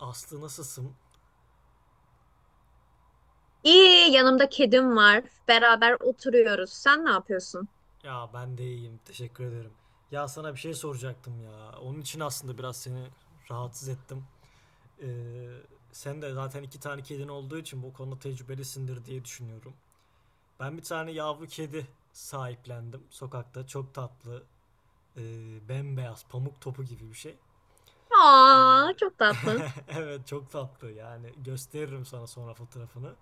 Aslı nasılsın? İyi, yanımda kedim var. Beraber oturuyoruz. Sen ne yapıyorsun? Ya ben de iyiyim. Teşekkür ederim. Ya sana bir şey soracaktım ya. Onun için aslında biraz seni rahatsız ettim. Ee, sen de zaten iki tane kedin olduğu için bu konuda tecrübelisindir diye düşünüyorum. Ben bir tane yavru kedi sahiplendim sokakta. Çok tatlı. Bembeyaz, pamuk topu gibi bir şey. Ee, Aa, çok tatlı. evet çok tatlı yani. Gösteririm sana sonra fotoğrafını.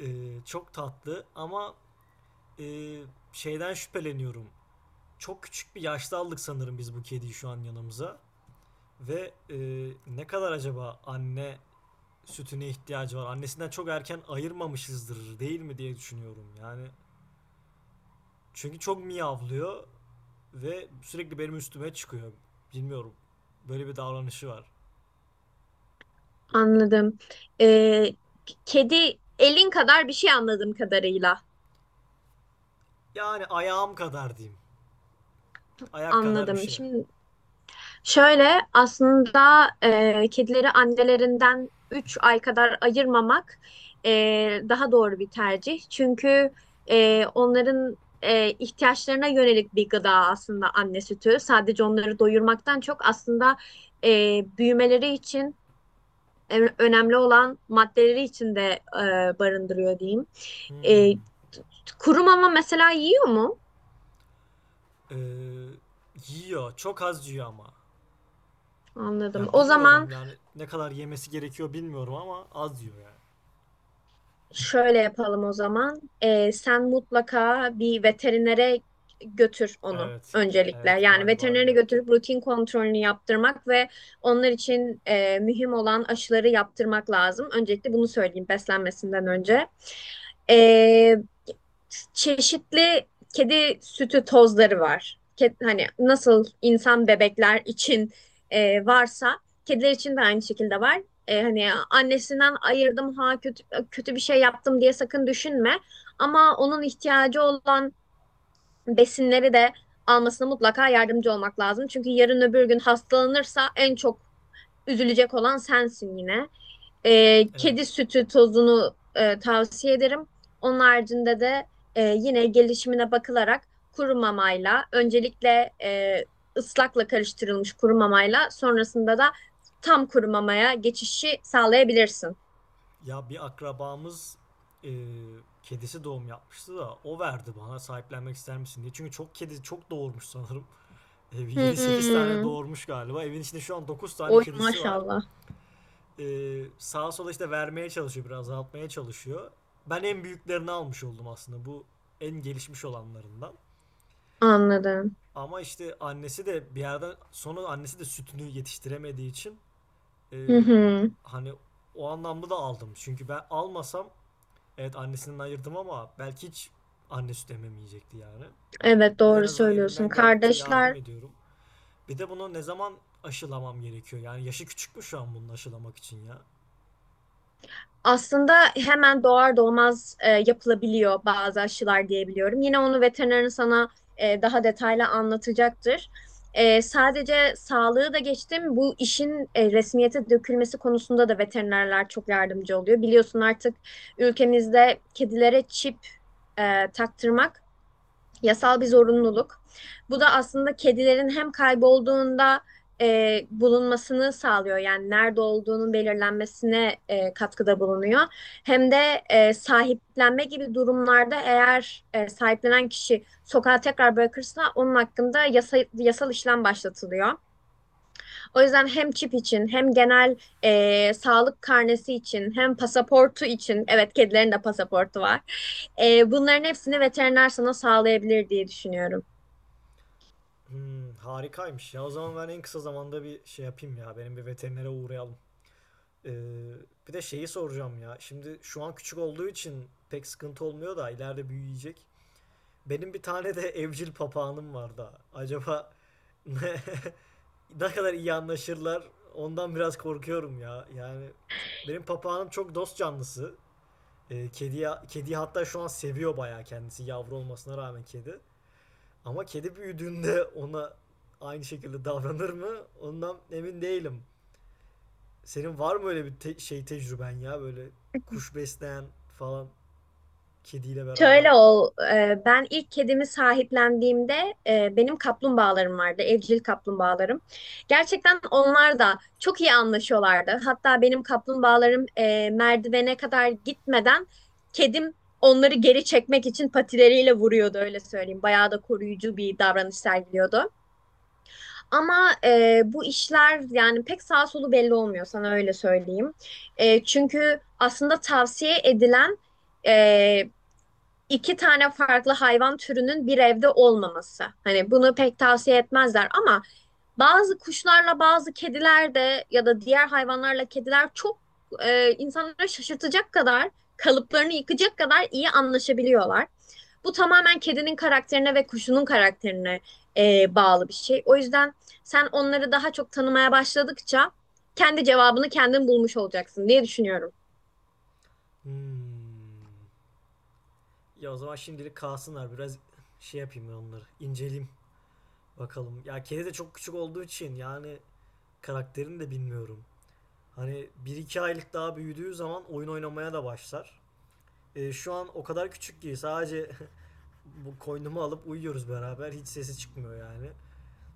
Çok tatlı ama e, şeyden şüpheleniyorum. Çok küçük bir yaşta aldık sanırım biz bu kediyi şu an yanımıza. Ve ne kadar acaba anne sütüne ihtiyacı var? Annesinden çok erken ayırmamışızdır değil mi diye düşünüyorum. Yani çünkü çok miyavlıyor ve sürekli benim üstüme çıkıyor. Bilmiyorum. Böyle bir davranışı var. Anladım. Ee, kedi elin kadar bir şey anladığım kadarıyla. Yani ayağım kadar diyeyim. Ayak kadar bir Anladım. şey. Şimdi şöyle, aslında kedileri annelerinden 3 ay kadar ayırmamak daha doğru bir tercih. Çünkü onların ihtiyaçlarına yönelik bir gıda aslında anne sütü. Sadece onları doyurmaktan çok aslında büyümeleri için önemli olan maddeleri içinde barındırıyor diyeyim. E, Hmm. kuru mama mesela yiyor mu? Ee, yiyor. Çok az yiyor ama. Anladım. Ya O zaman bilmiyorum yani ne kadar yemesi gerekiyor bilmiyorum ama az yiyor yani. şöyle yapalım o zaman. Sen mutlaka bir veterinere götür onu Evet, öncelikle. evet Yani galiba öyle veterinere yapacağım. götürüp rutin kontrolünü yaptırmak ve onlar için mühim olan aşıları yaptırmak lazım. Öncelikle bunu söyleyeyim beslenmesinden önce. Ee, çeşitli kedi sütü tozları var. Hani nasıl insan bebekler için varsa kediler için de aynı şekilde var. Hani annesinden ayırdım ha, kötü kötü bir şey yaptım diye sakın düşünme. Ama onun ihtiyacı olan besinleri de almasına mutlaka yardımcı olmak lazım. Çünkü yarın öbür gün hastalanırsa en çok üzülecek olan sensin yine. Evet, Kedi sütü tozunu tavsiye ederim. Onun haricinde de yine gelişimine bakılarak kuru mamayla öncelikle, ıslakla karıştırılmış kuru mamayla, sonrasında da tam kuru mamaya geçişi sağlayabilirsin. ya bir akrabamız e, kedisi doğum yapmıştı da o verdi bana sahiplenmek ister misin diye. Çünkü çok kedi çok doğurmuş sanırım. 7-8 tane Hmm. doğurmuş galiba. Evin içinde şu an 9 tane Oy kedisi var. maşallah. E, sağa sola işte vermeye çalışıyor, biraz azaltmaya çalışıyor. Ben en büyüklerini almış oldum aslında, bu en gelişmiş olanlarından. Anladım. Ama işte annesi de bir yerden sonra annesi de sütünü yetiştiremediği için Ee, Hı hı. hani o anlamda da aldım. Çünkü ben almasam, evet annesinden ayırdım ama belki hiç anne süt ememeyecekti yani. Evet, Ben en doğru azından söylüyorsun. elimden geldikçe yardım Kardeşler. ediyorum. Bir de bunu ne zaman aşılamam gerekiyor? Yani yaşı küçük mü şu an bunu aşılamak için ya? Aslında hemen doğar doğmaz yapılabiliyor bazı aşılar diyebiliyorum. Yine onu veterinerin sana daha detaylı anlatacaktır. Sadece sağlığı da geçtim. Bu işin resmiyete dökülmesi konusunda da veterinerler çok yardımcı oluyor. Biliyorsun, artık ülkemizde kedilere çip taktırmak yasal bir zorunluluk. Bu da aslında kedilerin hem kaybolduğunda bulunmasını sağlıyor. Yani nerede olduğunun belirlenmesine katkıda bulunuyor. Hem de sahiplenme gibi durumlarda, eğer sahiplenen kişi sokağa tekrar bırakırsa onun hakkında yasal işlem başlatılıyor. O yüzden hem çip için, hem genel sağlık karnesi için, hem pasaportu için, evet, kedilerin de pasaportu var. Bunların hepsini veteriner sana sağlayabilir diye düşünüyorum. Hmm, harikaymış ya. O zaman ben en kısa zamanda bir şey yapayım ya. Benim bir veterinere uğrayalım. Ee, bir de şeyi soracağım ya. Şimdi şu an küçük olduğu için pek sıkıntı olmuyor da ileride büyüyecek. Benim bir tane de evcil papağanım var da. Acaba ne kadar iyi anlaşırlar, ondan biraz korkuyorum ya. Yani benim papağanım çok dost canlısı. Kediyi hatta şu an seviyor bayağı kendisi, yavru olmasına rağmen kedi. Ama kedi büyüdüğünde ona aynı şekilde davranır mı? Ondan emin değilim. Senin var mı öyle bir şey tecrüben ya, böyle kuş besleyen falan kediyle beraber? Şöyle, ben ilk kedimi sahiplendiğimde benim kaplumbağalarım vardı, evcil kaplumbağalarım. Gerçekten onlar da çok iyi anlaşıyorlardı. Hatta benim kaplumbağalarım merdivene kadar gitmeden kedim onları geri çekmek için patileriyle vuruyordu, öyle söyleyeyim. Bayağı da koruyucu bir davranış sergiliyordu. Ama bu işler yani pek sağ solu belli olmuyor sana, öyle söyleyeyim. Çünkü aslında tavsiye edilen... E, iki tane farklı hayvan türünün bir evde olmaması. Hani bunu pek tavsiye etmezler, ama bazı kuşlarla bazı kediler de, ya da diğer hayvanlarla kediler çok insanları şaşırtacak kadar, kalıplarını yıkacak kadar iyi anlaşabiliyorlar. Bu tamamen kedinin karakterine ve kuşunun karakterine bağlı bir şey. O yüzden sen onları daha çok tanımaya başladıkça kendi cevabını kendin bulmuş olacaksın diye düşünüyorum. Hmm. Ya o zaman şimdilik kalsınlar, biraz şey yapayım, ben onları inceleyeyim. Bakalım. Ya kedi de çok küçük olduğu için yani karakterini de bilmiyorum. Hani bir iki aylık daha büyüdüğü zaman oyun oynamaya da başlar. Şu an o kadar küçük ki sadece bu koynumu alıp uyuyoruz beraber. Hiç sesi çıkmıyor yani.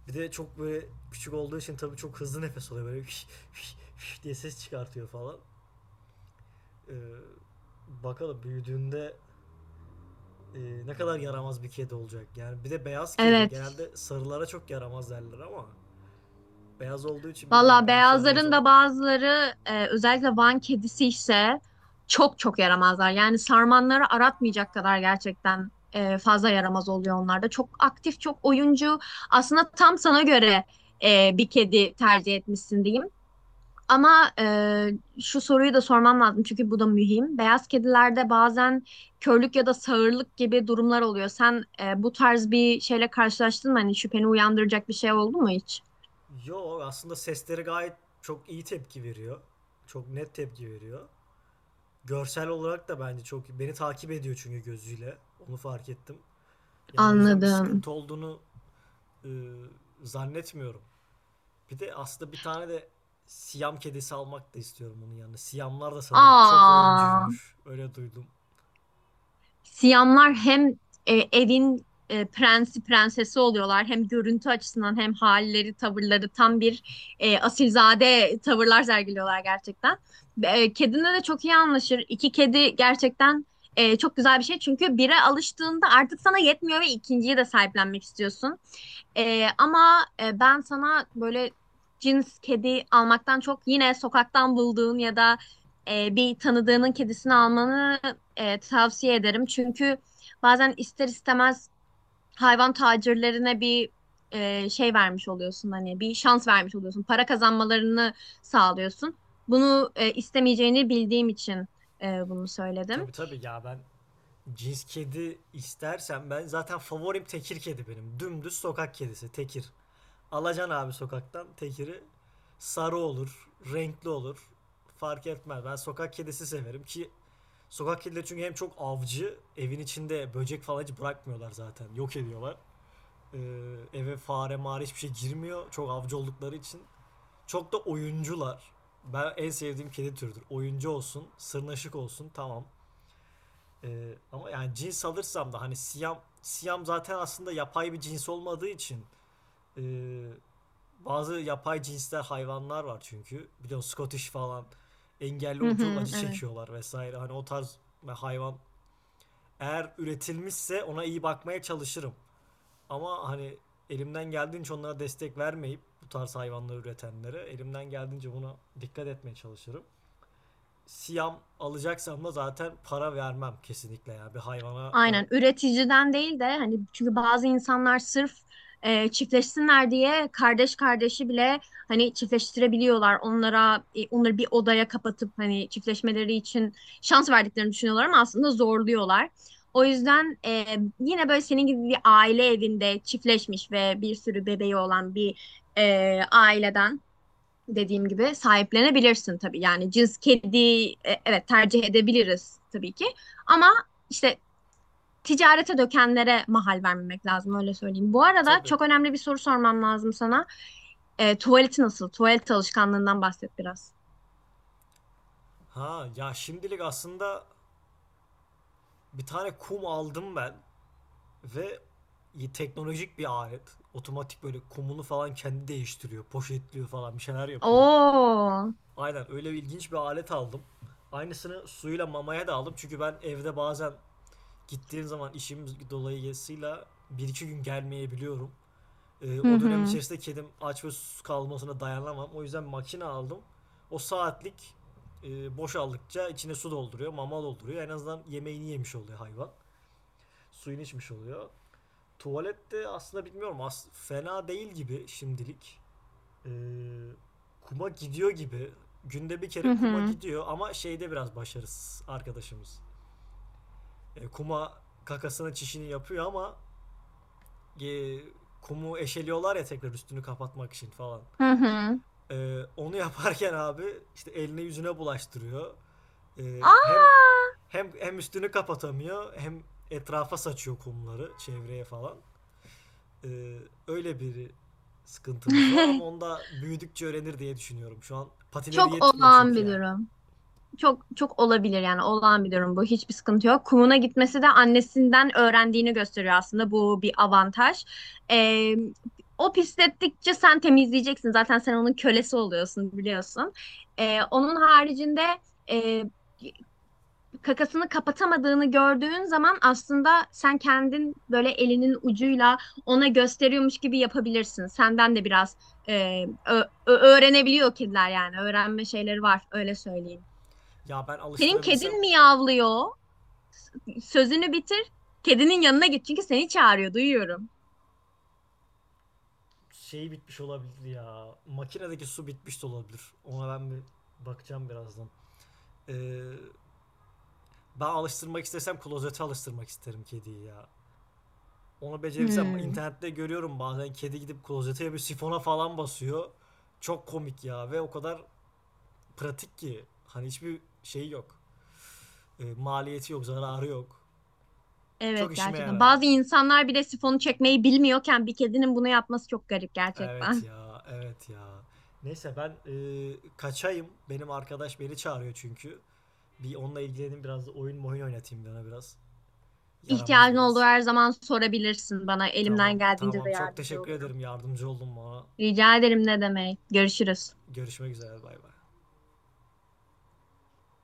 Bir de çok böyle küçük olduğu için tabii çok hızlı nefes alıyor. Böyle "Hüş, hüş, hüş" diye ses çıkartıyor falan. E, bakalım büyüdüğünde e, ne kadar yaramaz bir kedi olacak. Yani bir de beyaz kedi Evet. genelde sarılara çok yaramaz derler ama beyaz olduğu için bilmiyorum, Valla belki yaramaz beyazların da olmaz. bazıları, özellikle Van kedisi ise çok çok yaramazlar. Yani sarmanları aratmayacak kadar gerçekten fazla yaramaz oluyor onlar da. Çok aktif, çok oyuncu. Aslında tam sana göre bir kedi tercih etmişsin diyeyim. Ama şu soruyu da sormam lazım, çünkü bu da mühim. Beyaz kedilerde bazen körlük ya da sağırlık gibi durumlar oluyor. Sen bu tarz bir şeyle karşılaştın mı? Hani şüpheni uyandıracak bir şey oldu mu hiç? Yo aslında sesleri gayet çok iyi tepki veriyor. Çok net tepki veriyor. Görsel olarak da bence çok beni takip ediyor çünkü gözüyle. Onu fark ettim. Yani o yüzden bir Anladım. sıkıntı olduğunu e, zannetmiyorum. Bir de aslında bir tane de Siyam kedisi almak da istiyorum onun yanına. Siyamlar da sanırım çok Aa. oyuncuymuş. Öyle duydum. Siyamlar hem evin prensi prensesi oluyorlar, hem görüntü açısından hem halleri tavırları tam bir asilzade tavırlar sergiliyorlar gerçekten. Kedinle de çok iyi anlaşır. İki kedi gerçekten çok güzel bir şey, çünkü bire alıştığında artık sana yetmiyor ve ikinciyi de sahiplenmek istiyorsun. Ama ben sana böyle cins kedi almaktan çok yine sokaktan bulduğun ya da bir tanıdığının kedisini almanı tavsiye ederim. Çünkü bazen ister istemez hayvan tacirlerine bir şey vermiş oluyorsun, hani bir şans vermiş oluyorsun. Para kazanmalarını sağlıyorsun. Bunu istemeyeceğini bildiğim için bunu söyledim. Tabii tabii ya, ben cins kedi istersem ben, zaten favorim tekir kedi benim. Dümdüz sokak kedisi tekir. Alacan abi sokaktan tekiri, sarı olur, renkli olur. Fark etmez. Ben sokak kedisi severim ki sokak kedileri çünkü hem çok avcı, evin içinde böcek falan hiç bırakmıyorlar zaten. Yok ediyorlar. Ee, eve fare mağara hiçbir şey girmiyor. Çok avcı oldukları için. Çok da oyuncular. Ben en sevdiğim kedi türüdür. Oyuncu olsun, sırnaşık olsun, tamam. Ama yani cins alırsam da hani siyam siyam zaten aslında yapay bir cins olmadığı için ee, bazı yapay cinsler hayvanlar var çünkü. Biliyorsun Scottish falan engelli Hı olup çok hı, acı evet. çekiyorlar vesaire. Hani o tarz hayvan eğer üretilmişse ona iyi bakmaya çalışırım. Ama hani elimden geldiğince onlara destek vermeyip, bu tarz hayvanları üretenlere elimden geldiğince buna dikkat etmeye çalışırım. Siyam alacaksam da zaten para vermem kesinlikle ya bir hayvana ben Aynen, üreticiden değil de hani, çünkü bazı insanlar sırf çiftleşsinler diye kardeş kardeşi bile hani çiftleştirebiliyorlar. Onlara onları bir odaya kapatıp hani çiftleşmeleri için şans verdiklerini düşünüyorlar, ama aslında zorluyorlar. O yüzden yine böyle senin gibi bir aile evinde çiftleşmiş ve bir sürü bebeği olan bir aileden, dediğim gibi, sahiplenebilirsin tabii. Yani cins kedi e, evet, tercih edebiliriz tabii ki, ama işte ticarete dökenlere mahal vermemek lazım, öyle söyleyeyim. Bu arada tabii. çok önemli bir soru sormam lazım sana. Tuvaleti nasıl? Tuvalet alışkanlığından bahset biraz. Ha ya, şimdilik aslında bir tane kum aldım ben. Ve teknolojik bir alet. Otomatik böyle kumunu falan kendi değiştiriyor. Poşetliyor falan, bir şeyler yapıyor. Oo. Aynen öyle bir ilginç bir alet aldım. Aynısını suyla mamaya da aldım. Çünkü ben evde bazen, gittiğim zaman işim dolayısıyla, bir iki gün gelmeyebiliyorum. Ee, Hı o dönem hı. içerisinde kedim aç ve susuz kalmasına dayanamam. O yüzden makine aldım. O saatlik boşaldıkça içine su dolduruyor, mama dolduruyor. En azından yemeğini yemiş oluyor hayvan. Suyunu içmiş oluyor. Tuvalette aslında bilmiyorum, as fena değil gibi şimdilik. Ee, kuma gidiyor gibi. Günde bir Hı kere kuma hı. gidiyor ama şeyde biraz başarısız arkadaşımız. Kuma kakasını çişini yapıyor ama e, kumu eşeliyorlar ya, tekrar üstünü kapatmak için falan. Hı hı. Onu yaparken abi işte eline yüzüne bulaştırıyor. Ee, hem Aa! hem üstünü kapatamıyor, hem etrafa saçıyor kumları çevreye falan. Ee, öyle bir sıkıntımız var ama onda büyüdükçe öğrenir diye düşünüyorum. Şu an patileri Çok yetmiyor olağan çünkü bir yani. durum. Çok çok olabilir yani, olağan bir durum bu. Hiçbir sıkıntı yok. Kumuna gitmesi de annesinden öğrendiğini gösteriyor aslında. Bu bir avantaj. Ee, o pislettikçe sen temizleyeceksin. Zaten sen onun kölesi oluyorsun, biliyorsun. Onun haricinde e, kakasını kapatamadığını gördüğün zaman aslında sen kendin böyle elinin ucuyla ona gösteriyormuş gibi yapabilirsin. Senden de biraz öğrenebiliyor kediler yani. Öğrenme şeyleri var, öyle söyleyeyim. Ya ben Senin alıştırabilsem, kedin miyavlıyor. Sözünü bitir. Kedinin yanına git, çünkü seni çağırıyor, duyuyorum. şeyi bitmiş olabilir ya. Makinedeki su bitmiş de olabilir. Ona ben bir bakacağım birazdan. Ee, ben alıştırmak istesem klozete alıştırmak isterim kediyi ya. Onu becerebilsem, Hmm. internette görüyorum bazen kedi gidip klozete bir sifona falan basıyor. Çok komik ya, ve o kadar pratik ki. Hani hiçbir şey yok. Maliyeti yok, zararı yok. Çok Evet, işime gerçekten. yarar. Bazı insanlar bile sifonu çekmeyi bilmiyorken bir kedinin bunu yapması çok garip Evet gerçekten. ya, evet ya. Neyse ben kaçayım. Benim arkadaş beni çağırıyor çünkü. Bir onunla ilgileneyim, biraz da oyun mu oyun oynatayım bir ona biraz. Yaramaz İhtiyacın olduğu biraz. her zaman sorabilirsin bana. Elimden Tamam, geldiğince tamam. de Çok yardımcı teşekkür olurum. ederim. Yardımcı oldun bana. Rica ederim, ne demek. Görüşürüz. Görüşmek üzere. Bay bay.